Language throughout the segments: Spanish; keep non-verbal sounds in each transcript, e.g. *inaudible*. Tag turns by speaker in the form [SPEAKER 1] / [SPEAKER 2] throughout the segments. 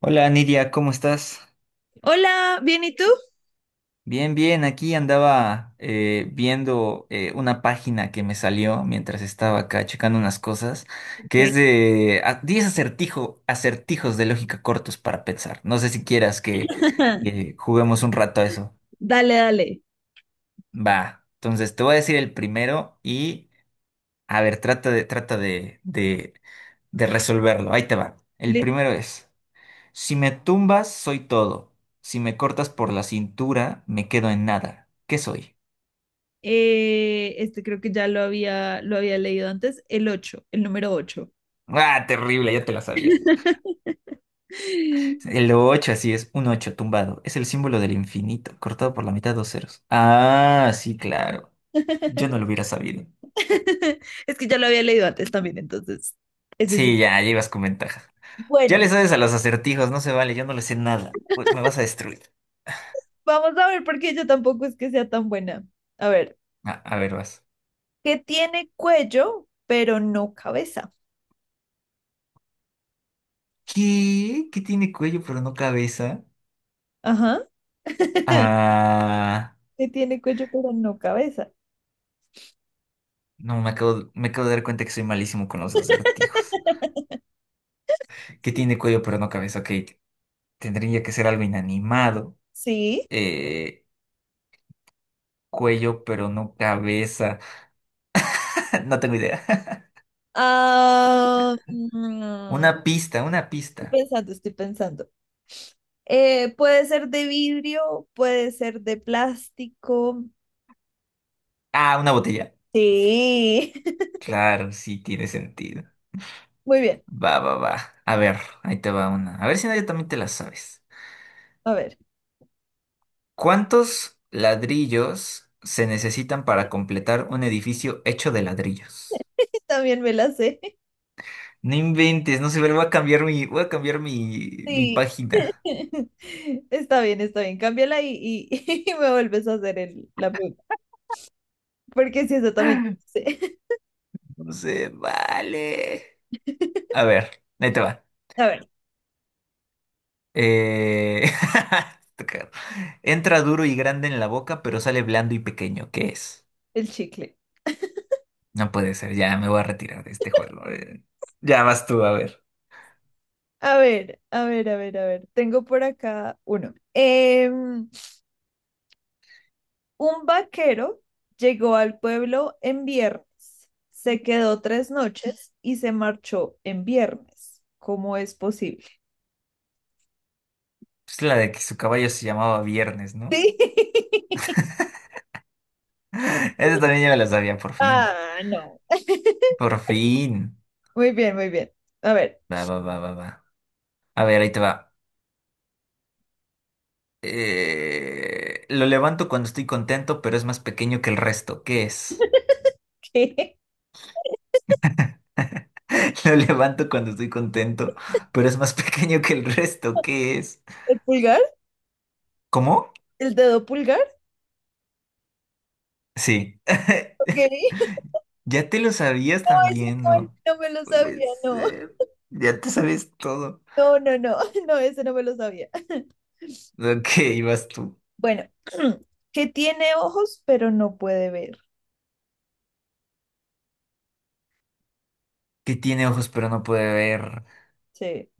[SPEAKER 1] Hola Nidia, ¿cómo estás?
[SPEAKER 2] Hola, ¿bien y tú?
[SPEAKER 1] Bien, bien, aquí andaba viendo una página que me salió mientras estaba acá checando unas cosas, que es
[SPEAKER 2] Ok.
[SPEAKER 1] de 10 acertijos de lógica cortos para pensar. No sé si quieras que
[SPEAKER 2] *laughs*
[SPEAKER 1] juguemos un rato a eso.
[SPEAKER 2] Dale, dale.
[SPEAKER 1] Va, entonces te voy a decir el primero y a ver, trata de resolverlo. Ahí te va. El
[SPEAKER 2] Listo.
[SPEAKER 1] primero es... Si me tumbas, soy todo. Si me cortas por la cintura, me quedo en nada. ¿Qué soy?
[SPEAKER 2] Este creo que ya lo había leído antes, el 8, el número 8.
[SPEAKER 1] Ah, terrible, ya te la sabías.
[SPEAKER 2] *laughs*
[SPEAKER 1] El 8 así es, un 8 tumbado. Es el símbolo del infinito, cortado por la mitad dos ceros. Ah, sí, claro. Yo no lo hubiera sabido.
[SPEAKER 2] Es que ya lo había leído antes también, entonces. Es decir,
[SPEAKER 1] Sí, ya, llevas con ventaja. Ya
[SPEAKER 2] bueno,
[SPEAKER 1] le sabes a los acertijos, no se vale, yo no le sé nada. Uy, me vas a destruir.
[SPEAKER 2] vamos a ver porque yo tampoco es que sea tan buena. A ver,
[SPEAKER 1] Ah, a ver, vas.
[SPEAKER 2] ¿qué tiene cuello, pero no cabeza?
[SPEAKER 1] ¿Qué? ¿Qué tiene cuello pero no cabeza?
[SPEAKER 2] Ajá. *laughs*
[SPEAKER 1] Ah,
[SPEAKER 2] ¿Qué tiene cuello, pero no cabeza?
[SPEAKER 1] no, me acabo de dar cuenta que soy malísimo con los acertijos. Que
[SPEAKER 2] Sí.
[SPEAKER 1] tiene cuello pero no cabeza, ok, tendría que ser algo inanimado,
[SPEAKER 2] Sí.
[SPEAKER 1] eh, cuello pero no cabeza, *laughs* no tengo idea. *laughs*
[SPEAKER 2] Ah, mm,
[SPEAKER 1] Una pista, una
[SPEAKER 2] Estoy
[SPEAKER 1] pista.
[SPEAKER 2] pensando, estoy pensando. Puede ser de vidrio, puede ser de plástico.
[SPEAKER 1] Ah, una botella.
[SPEAKER 2] Sí. *laughs*
[SPEAKER 1] Claro, sí tiene sentido.
[SPEAKER 2] Muy bien.
[SPEAKER 1] Va, va, va. A ver, ahí te va una. A ver si nadie también te la sabes.
[SPEAKER 2] A ver,
[SPEAKER 1] ¿Cuántos ladrillos se necesitan para completar un edificio hecho de ladrillos?
[SPEAKER 2] *laughs* también me la sé.
[SPEAKER 1] No inventes, no sé, pero voy a cambiar mi, voy a cambiar mi, mi
[SPEAKER 2] Sí.
[SPEAKER 1] página.
[SPEAKER 2] *laughs* Está bien, está bien. Cámbiala y- *laughs* y me vuelves a hacer el- la pregunta. Porque si eso también
[SPEAKER 1] *laughs*
[SPEAKER 2] sé. *laughs*
[SPEAKER 1] No sé, vale. A ver, ahí te va.
[SPEAKER 2] A ver,
[SPEAKER 1] Eh, *laughs* Entra duro y grande en la boca, pero sale blando y pequeño. ¿Qué es?
[SPEAKER 2] el chicle.
[SPEAKER 1] No puede ser, ya me voy a retirar de este juego. Ya vas tú, a ver.
[SPEAKER 2] A ver, a ver, a ver, a ver. Tengo por acá uno. Un vaquero llegó al pueblo en viernes, se quedó tres noches y se marchó en viernes. ¿Cómo es posible?
[SPEAKER 1] Es la de que su caballo se llamaba Viernes, ¿no?
[SPEAKER 2] Sí. *laughs*
[SPEAKER 1] *laughs* Esa también ya me la sabía, por fin.
[SPEAKER 2] Ah, no.
[SPEAKER 1] Por
[SPEAKER 2] *laughs*
[SPEAKER 1] fin.
[SPEAKER 2] Muy bien, muy bien. A ver.
[SPEAKER 1] Va, va, va, va, va. A ver, ahí te va. Lo levanto cuando estoy contento, pero es más pequeño que el resto. ¿Qué es?
[SPEAKER 2] *laughs* ¿Qué?
[SPEAKER 1] *laughs* Lo levanto cuando estoy contento, pero es más *laughs* pequeño que el resto. ¿Qué es?
[SPEAKER 2] ¿El pulgar?
[SPEAKER 1] ¿Cómo?
[SPEAKER 2] ¿El dedo pulgar?
[SPEAKER 1] Sí. *laughs*
[SPEAKER 2] Ok. *laughs*
[SPEAKER 1] Ya te lo sabías
[SPEAKER 2] No, ese
[SPEAKER 1] también,
[SPEAKER 2] no, ese
[SPEAKER 1] ¿no?
[SPEAKER 2] no me lo
[SPEAKER 1] Puede
[SPEAKER 2] sabía, no.
[SPEAKER 1] ser. Ya te sabes todo.
[SPEAKER 2] No, no, no, *laughs* no, ese no me lo sabía.
[SPEAKER 1] Ok, vas tú.
[SPEAKER 2] Bueno, *clears throat* que tiene ojos pero no puede ver.
[SPEAKER 1] Que tiene ojos pero no puede ver.
[SPEAKER 2] Sí.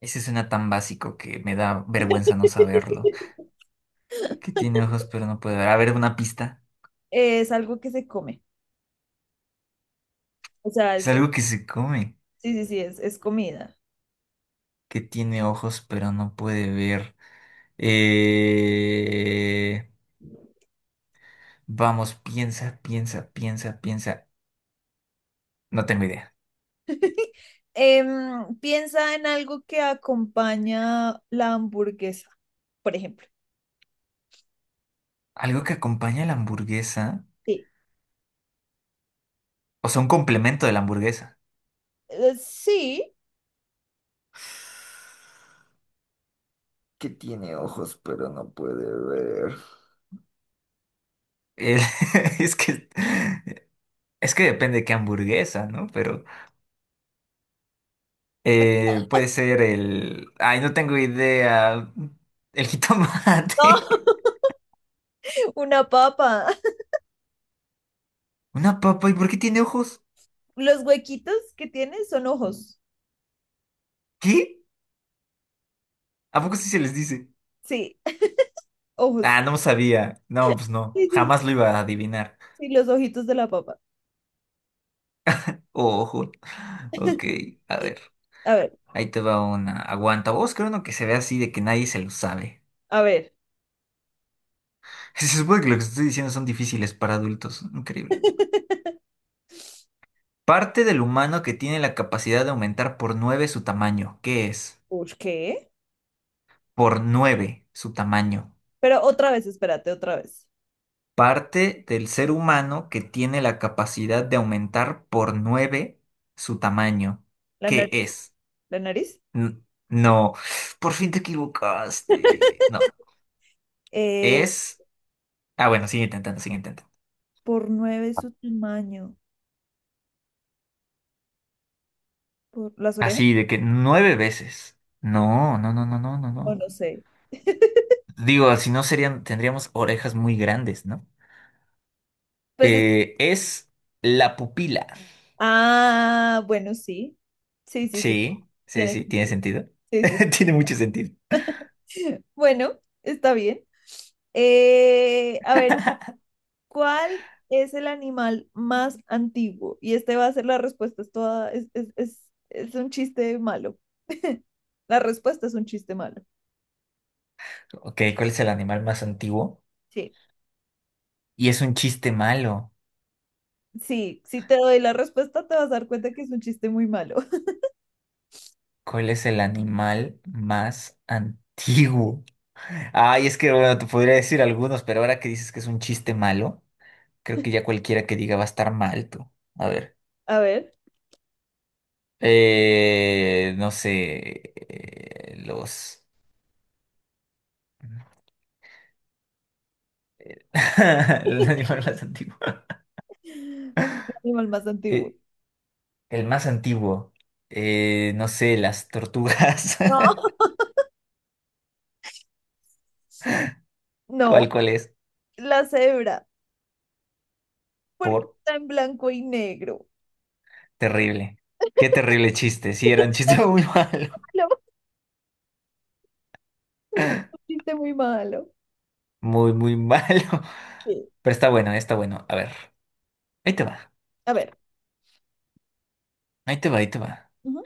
[SPEAKER 1] Ese suena tan básico que me da vergüenza no saberlo.
[SPEAKER 2] *laughs*
[SPEAKER 1] Que tiene ojos pero no puede ver. A ver, una pista.
[SPEAKER 2] Es algo que se come. O sea,
[SPEAKER 1] Es
[SPEAKER 2] es,
[SPEAKER 1] algo que se come.
[SPEAKER 2] sí, sí, sí, es comida.
[SPEAKER 1] Que tiene ojos pero no puede ver. Eh... Vamos, piensa, piensa, piensa, piensa. No tengo idea.
[SPEAKER 2] *laughs* Piensa en algo que acompaña la hamburguesa, por ejemplo.
[SPEAKER 1] Algo que acompaña a la hamburguesa.
[SPEAKER 2] Sí.
[SPEAKER 1] O sea, un complemento de la hamburguesa.
[SPEAKER 2] Sí,
[SPEAKER 1] Que tiene ojos, pero no puede ver. El- *laughs* es que depende de qué hamburguesa, ¿no? Pero puede ser el... Ay, no tengo idea. El jitomate.
[SPEAKER 2] no, *laughs* una papa.
[SPEAKER 1] *laughs* Una papa. ¿Y por qué tiene ojos?
[SPEAKER 2] Los huequitos que tiene son ojos.
[SPEAKER 1] ¿Qué? ¿A poco sí se les dice?
[SPEAKER 2] Sí, ojos.
[SPEAKER 1] Ah, no sabía. No, pues no.
[SPEAKER 2] Sí, sí,
[SPEAKER 1] Jamás lo iba a adivinar.
[SPEAKER 2] sí, los ojitos de la papa.
[SPEAKER 1] Ojo. Ok,
[SPEAKER 2] *laughs*
[SPEAKER 1] a ver.
[SPEAKER 2] A ver,
[SPEAKER 1] Ahí te va una. Aguanta. Vos creo uno que se ve así de que nadie se lo sabe.
[SPEAKER 2] a ver.
[SPEAKER 1] Se supone que lo que estoy diciendo son difíciles para adultos. Increíble.
[SPEAKER 2] *laughs*
[SPEAKER 1] Parte del humano que tiene la capacidad de aumentar por nueve su tamaño. ¿Qué es?
[SPEAKER 2] Uy, ¿qué?
[SPEAKER 1] Por 9 su tamaño.
[SPEAKER 2] Pero otra vez, espérate, otra vez.
[SPEAKER 1] Parte del ser humano que tiene la capacidad de aumentar por 9 su tamaño.
[SPEAKER 2] La
[SPEAKER 1] ¿Qué
[SPEAKER 2] nariz,
[SPEAKER 1] es?
[SPEAKER 2] la nariz.
[SPEAKER 1] N- no. Por fin te equivocaste. No.
[SPEAKER 2] Eh,
[SPEAKER 1] Es... Ah, bueno, sigue intentando, sigue intentando.
[SPEAKER 2] por nueve su tamaño. Por las orejas.
[SPEAKER 1] Así de que nueve veces. No, no, no, no, no, no,
[SPEAKER 2] No,
[SPEAKER 1] no.
[SPEAKER 2] no sé.
[SPEAKER 1] Digo, si no serían, tendríamos orejas muy grandes, ¿no?
[SPEAKER 2] Pues es,
[SPEAKER 1] Es la pupila.
[SPEAKER 2] ah, bueno, sí. Sí, sí, sí.
[SPEAKER 1] Sí, sí,
[SPEAKER 2] Tiene
[SPEAKER 1] sí, tiene
[SPEAKER 2] sentido.
[SPEAKER 1] sentido.
[SPEAKER 2] Sí, sí, sí.
[SPEAKER 1] *laughs* Tiene mucho sentido.
[SPEAKER 2] *laughs* Bueno, está bien. A ver, ¿cuál es el animal más antiguo? Y este va a ser la respuesta. Es toda, Es, un chiste malo. *laughs* La respuesta es un chiste malo.
[SPEAKER 1] Ok, ¿cuál es el animal más antiguo?
[SPEAKER 2] Sí.
[SPEAKER 1] Y es un chiste malo.
[SPEAKER 2] Sí, si te doy la respuesta, te vas a dar cuenta que es un chiste muy malo. *laughs*
[SPEAKER 1] ¿Cuál es el animal más antiguo? Ay, es que bueno, te podría decir algunos, pero ahora que dices que es un chiste malo, creo que ya cualquiera que diga va a estar mal tú. A ver.
[SPEAKER 2] A ver,
[SPEAKER 1] No sé. Los. *laughs* El animal más antiguo. *laughs*
[SPEAKER 2] el animal más antiguo.
[SPEAKER 1] Eh, el más antiguo. No sé, las tortugas.
[SPEAKER 2] No, *laughs*
[SPEAKER 1] *laughs*
[SPEAKER 2] no,
[SPEAKER 1] ¿Cuál, cuál es?
[SPEAKER 2] la cebra, porque
[SPEAKER 1] Por
[SPEAKER 2] está en blanco y negro.
[SPEAKER 1] terrible. Qué terrible chiste. Sí, era un chiste *laughs* muy malo.
[SPEAKER 2] Malo, un chiste muy malo.
[SPEAKER 1] Muy, muy malo.
[SPEAKER 2] Sí.
[SPEAKER 1] Pero está bueno, está bueno. A ver. Ahí te va.
[SPEAKER 2] A ver.
[SPEAKER 1] Ahí te va, ahí te va.
[SPEAKER 2] Ujú.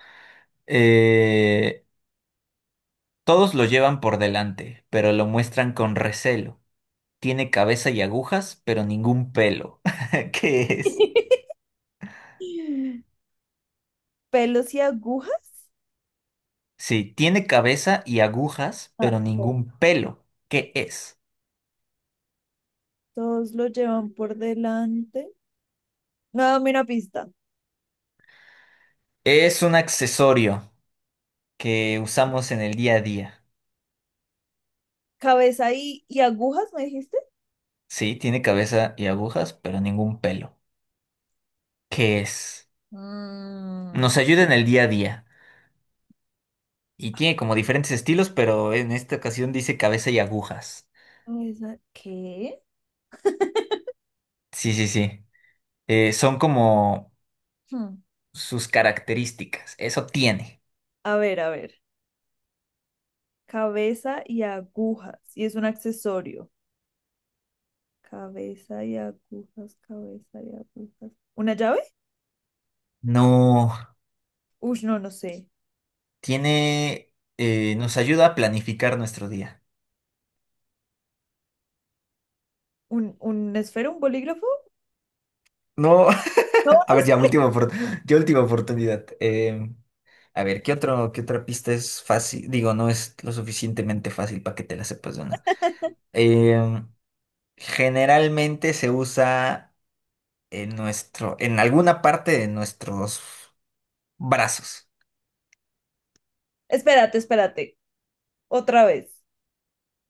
[SPEAKER 1] Eh, todos lo llevan por delante, pero lo muestran con recelo. Tiene cabeza y agujas, pero ningún pelo. *laughs* ¿Qué es?
[SPEAKER 2] *laughs* Pelos y agujas.
[SPEAKER 1] Sí, tiene cabeza y agujas,
[SPEAKER 2] A
[SPEAKER 1] pero
[SPEAKER 2] ver.
[SPEAKER 1] ningún pelo. ¿Qué es?
[SPEAKER 2] Todos lo llevan por delante. No, dame una pista.
[SPEAKER 1] Es un accesorio que usamos en el día a día.
[SPEAKER 2] Cabeza y agujas, ¿me dijiste?
[SPEAKER 1] Sí, tiene cabeza y agujas, pero ningún pelo. ¿Qué es?
[SPEAKER 2] Mm,
[SPEAKER 1] Nos ayuda en el día a día. Y tiene como diferentes estilos, pero en esta ocasión dice cabeza y agujas.
[SPEAKER 2] cabeza, ¿qué?
[SPEAKER 1] Sí, sí, sí. Son como
[SPEAKER 2] Hmm.
[SPEAKER 1] sus características. Eso tiene.
[SPEAKER 2] A ver, a ver. Cabeza y agujas. Y es un accesorio. Cabeza y agujas, cabeza y agujas. ¿Una llave?
[SPEAKER 1] No,
[SPEAKER 2] Uy, no, no sé.
[SPEAKER 1] tiene... nos ayuda a planificar nuestro día.
[SPEAKER 2] Un esfero, un bolígrafo?
[SPEAKER 1] No.
[SPEAKER 2] No,
[SPEAKER 1] *laughs* A
[SPEAKER 2] no
[SPEAKER 1] ver, ya,
[SPEAKER 2] sé,
[SPEAKER 1] *laughs* ya última oportunidad. A ver, ¿qué otro, qué otra pista es fácil? Digo, no es lo suficientemente fácil para que te la sepas de una. Em, generalmente se usa en nuestro, en alguna parte de nuestros brazos.
[SPEAKER 2] espérate, espérate. Otra vez.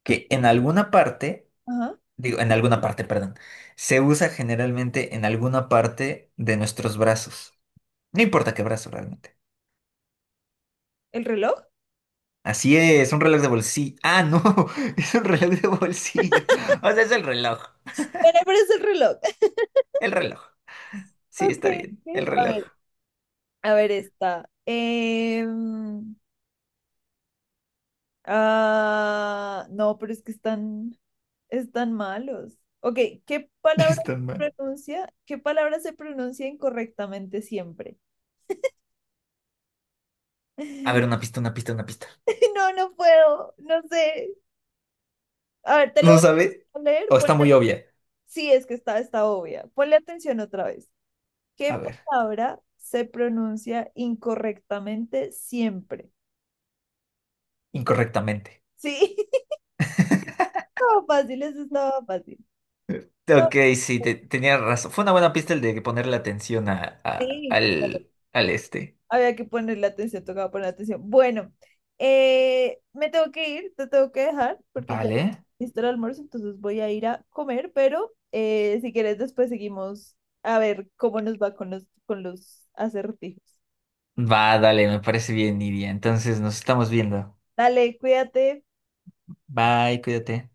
[SPEAKER 1] Que en alguna parte,
[SPEAKER 2] Ajá.
[SPEAKER 1] digo, en alguna parte, perdón, se usa generalmente en alguna parte de nuestros brazos. No importa qué brazo realmente.
[SPEAKER 2] ¿El reloj?
[SPEAKER 1] Así es, un reloj de bolsillo. Ah, no, *laughs* es un reloj de bolsillo. O sea, es el reloj.
[SPEAKER 2] Bueno, pero es el reloj. *laughs*
[SPEAKER 1] El reloj. Sí,
[SPEAKER 2] Ok,
[SPEAKER 1] está bien,
[SPEAKER 2] ok,
[SPEAKER 1] el
[SPEAKER 2] a
[SPEAKER 1] reloj.
[SPEAKER 2] ver. A ver, esta. Ah, no, pero es que están, están malos. Ok, ¿qué
[SPEAKER 1] *laughs*
[SPEAKER 2] palabra
[SPEAKER 1] Está mal.
[SPEAKER 2] se ¿Qué palabra se pronuncia incorrectamente siempre?
[SPEAKER 1] A ver, una
[SPEAKER 2] *laughs*
[SPEAKER 1] pista, una pista, una pista.
[SPEAKER 2] No, no puedo, no sé. A ver, te lo
[SPEAKER 1] ¿No
[SPEAKER 2] voy
[SPEAKER 1] sabe?
[SPEAKER 2] a leer.
[SPEAKER 1] O está
[SPEAKER 2] Ponle-
[SPEAKER 1] muy obvia.
[SPEAKER 2] sí, es que está, está obvia. Ponle atención otra vez.
[SPEAKER 1] A
[SPEAKER 2] ¿Qué
[SPEAKER 1] ver,
[SPEAKER 2] palabra se pronuncia incorrectamente siempre?
[SPEAKER 1] incorrectamente.
[SPEAKER 2] Sí, *laughs*
[SPEAKER 1] *laughs*
[SPEAKER 2] estaba fácil, eso estaba fácil. Estaba-
[SPEAKER 1] Ok, sí,
[SPEAKER 2] fácil.
[SPEAKER 1] tenía razón. Fue una buena pista el de ponerle atención a, a-
[SPEAKER 2] Sí,
[SPEAKER 1] al, al este.
[SPEAKER 2] había que ponerle atención, tocaba poner atención. Bueno, me tengo que ir, te tengo que dejar porque ya
[SPEAKER 1] Vale.
[SPEAKER 2] listo el almuerzo, entonces voy a ir a comer, pero si quieres después seguimos a ver cómo nos va con los acertijos.
[SPEAKER 1] Va, dale, me parece bien, Nidia. Entonces nos estamos viendo.
[SPEAKER 2] Dale, cuídate.
[SPEAKER 1] Bye, cuídate.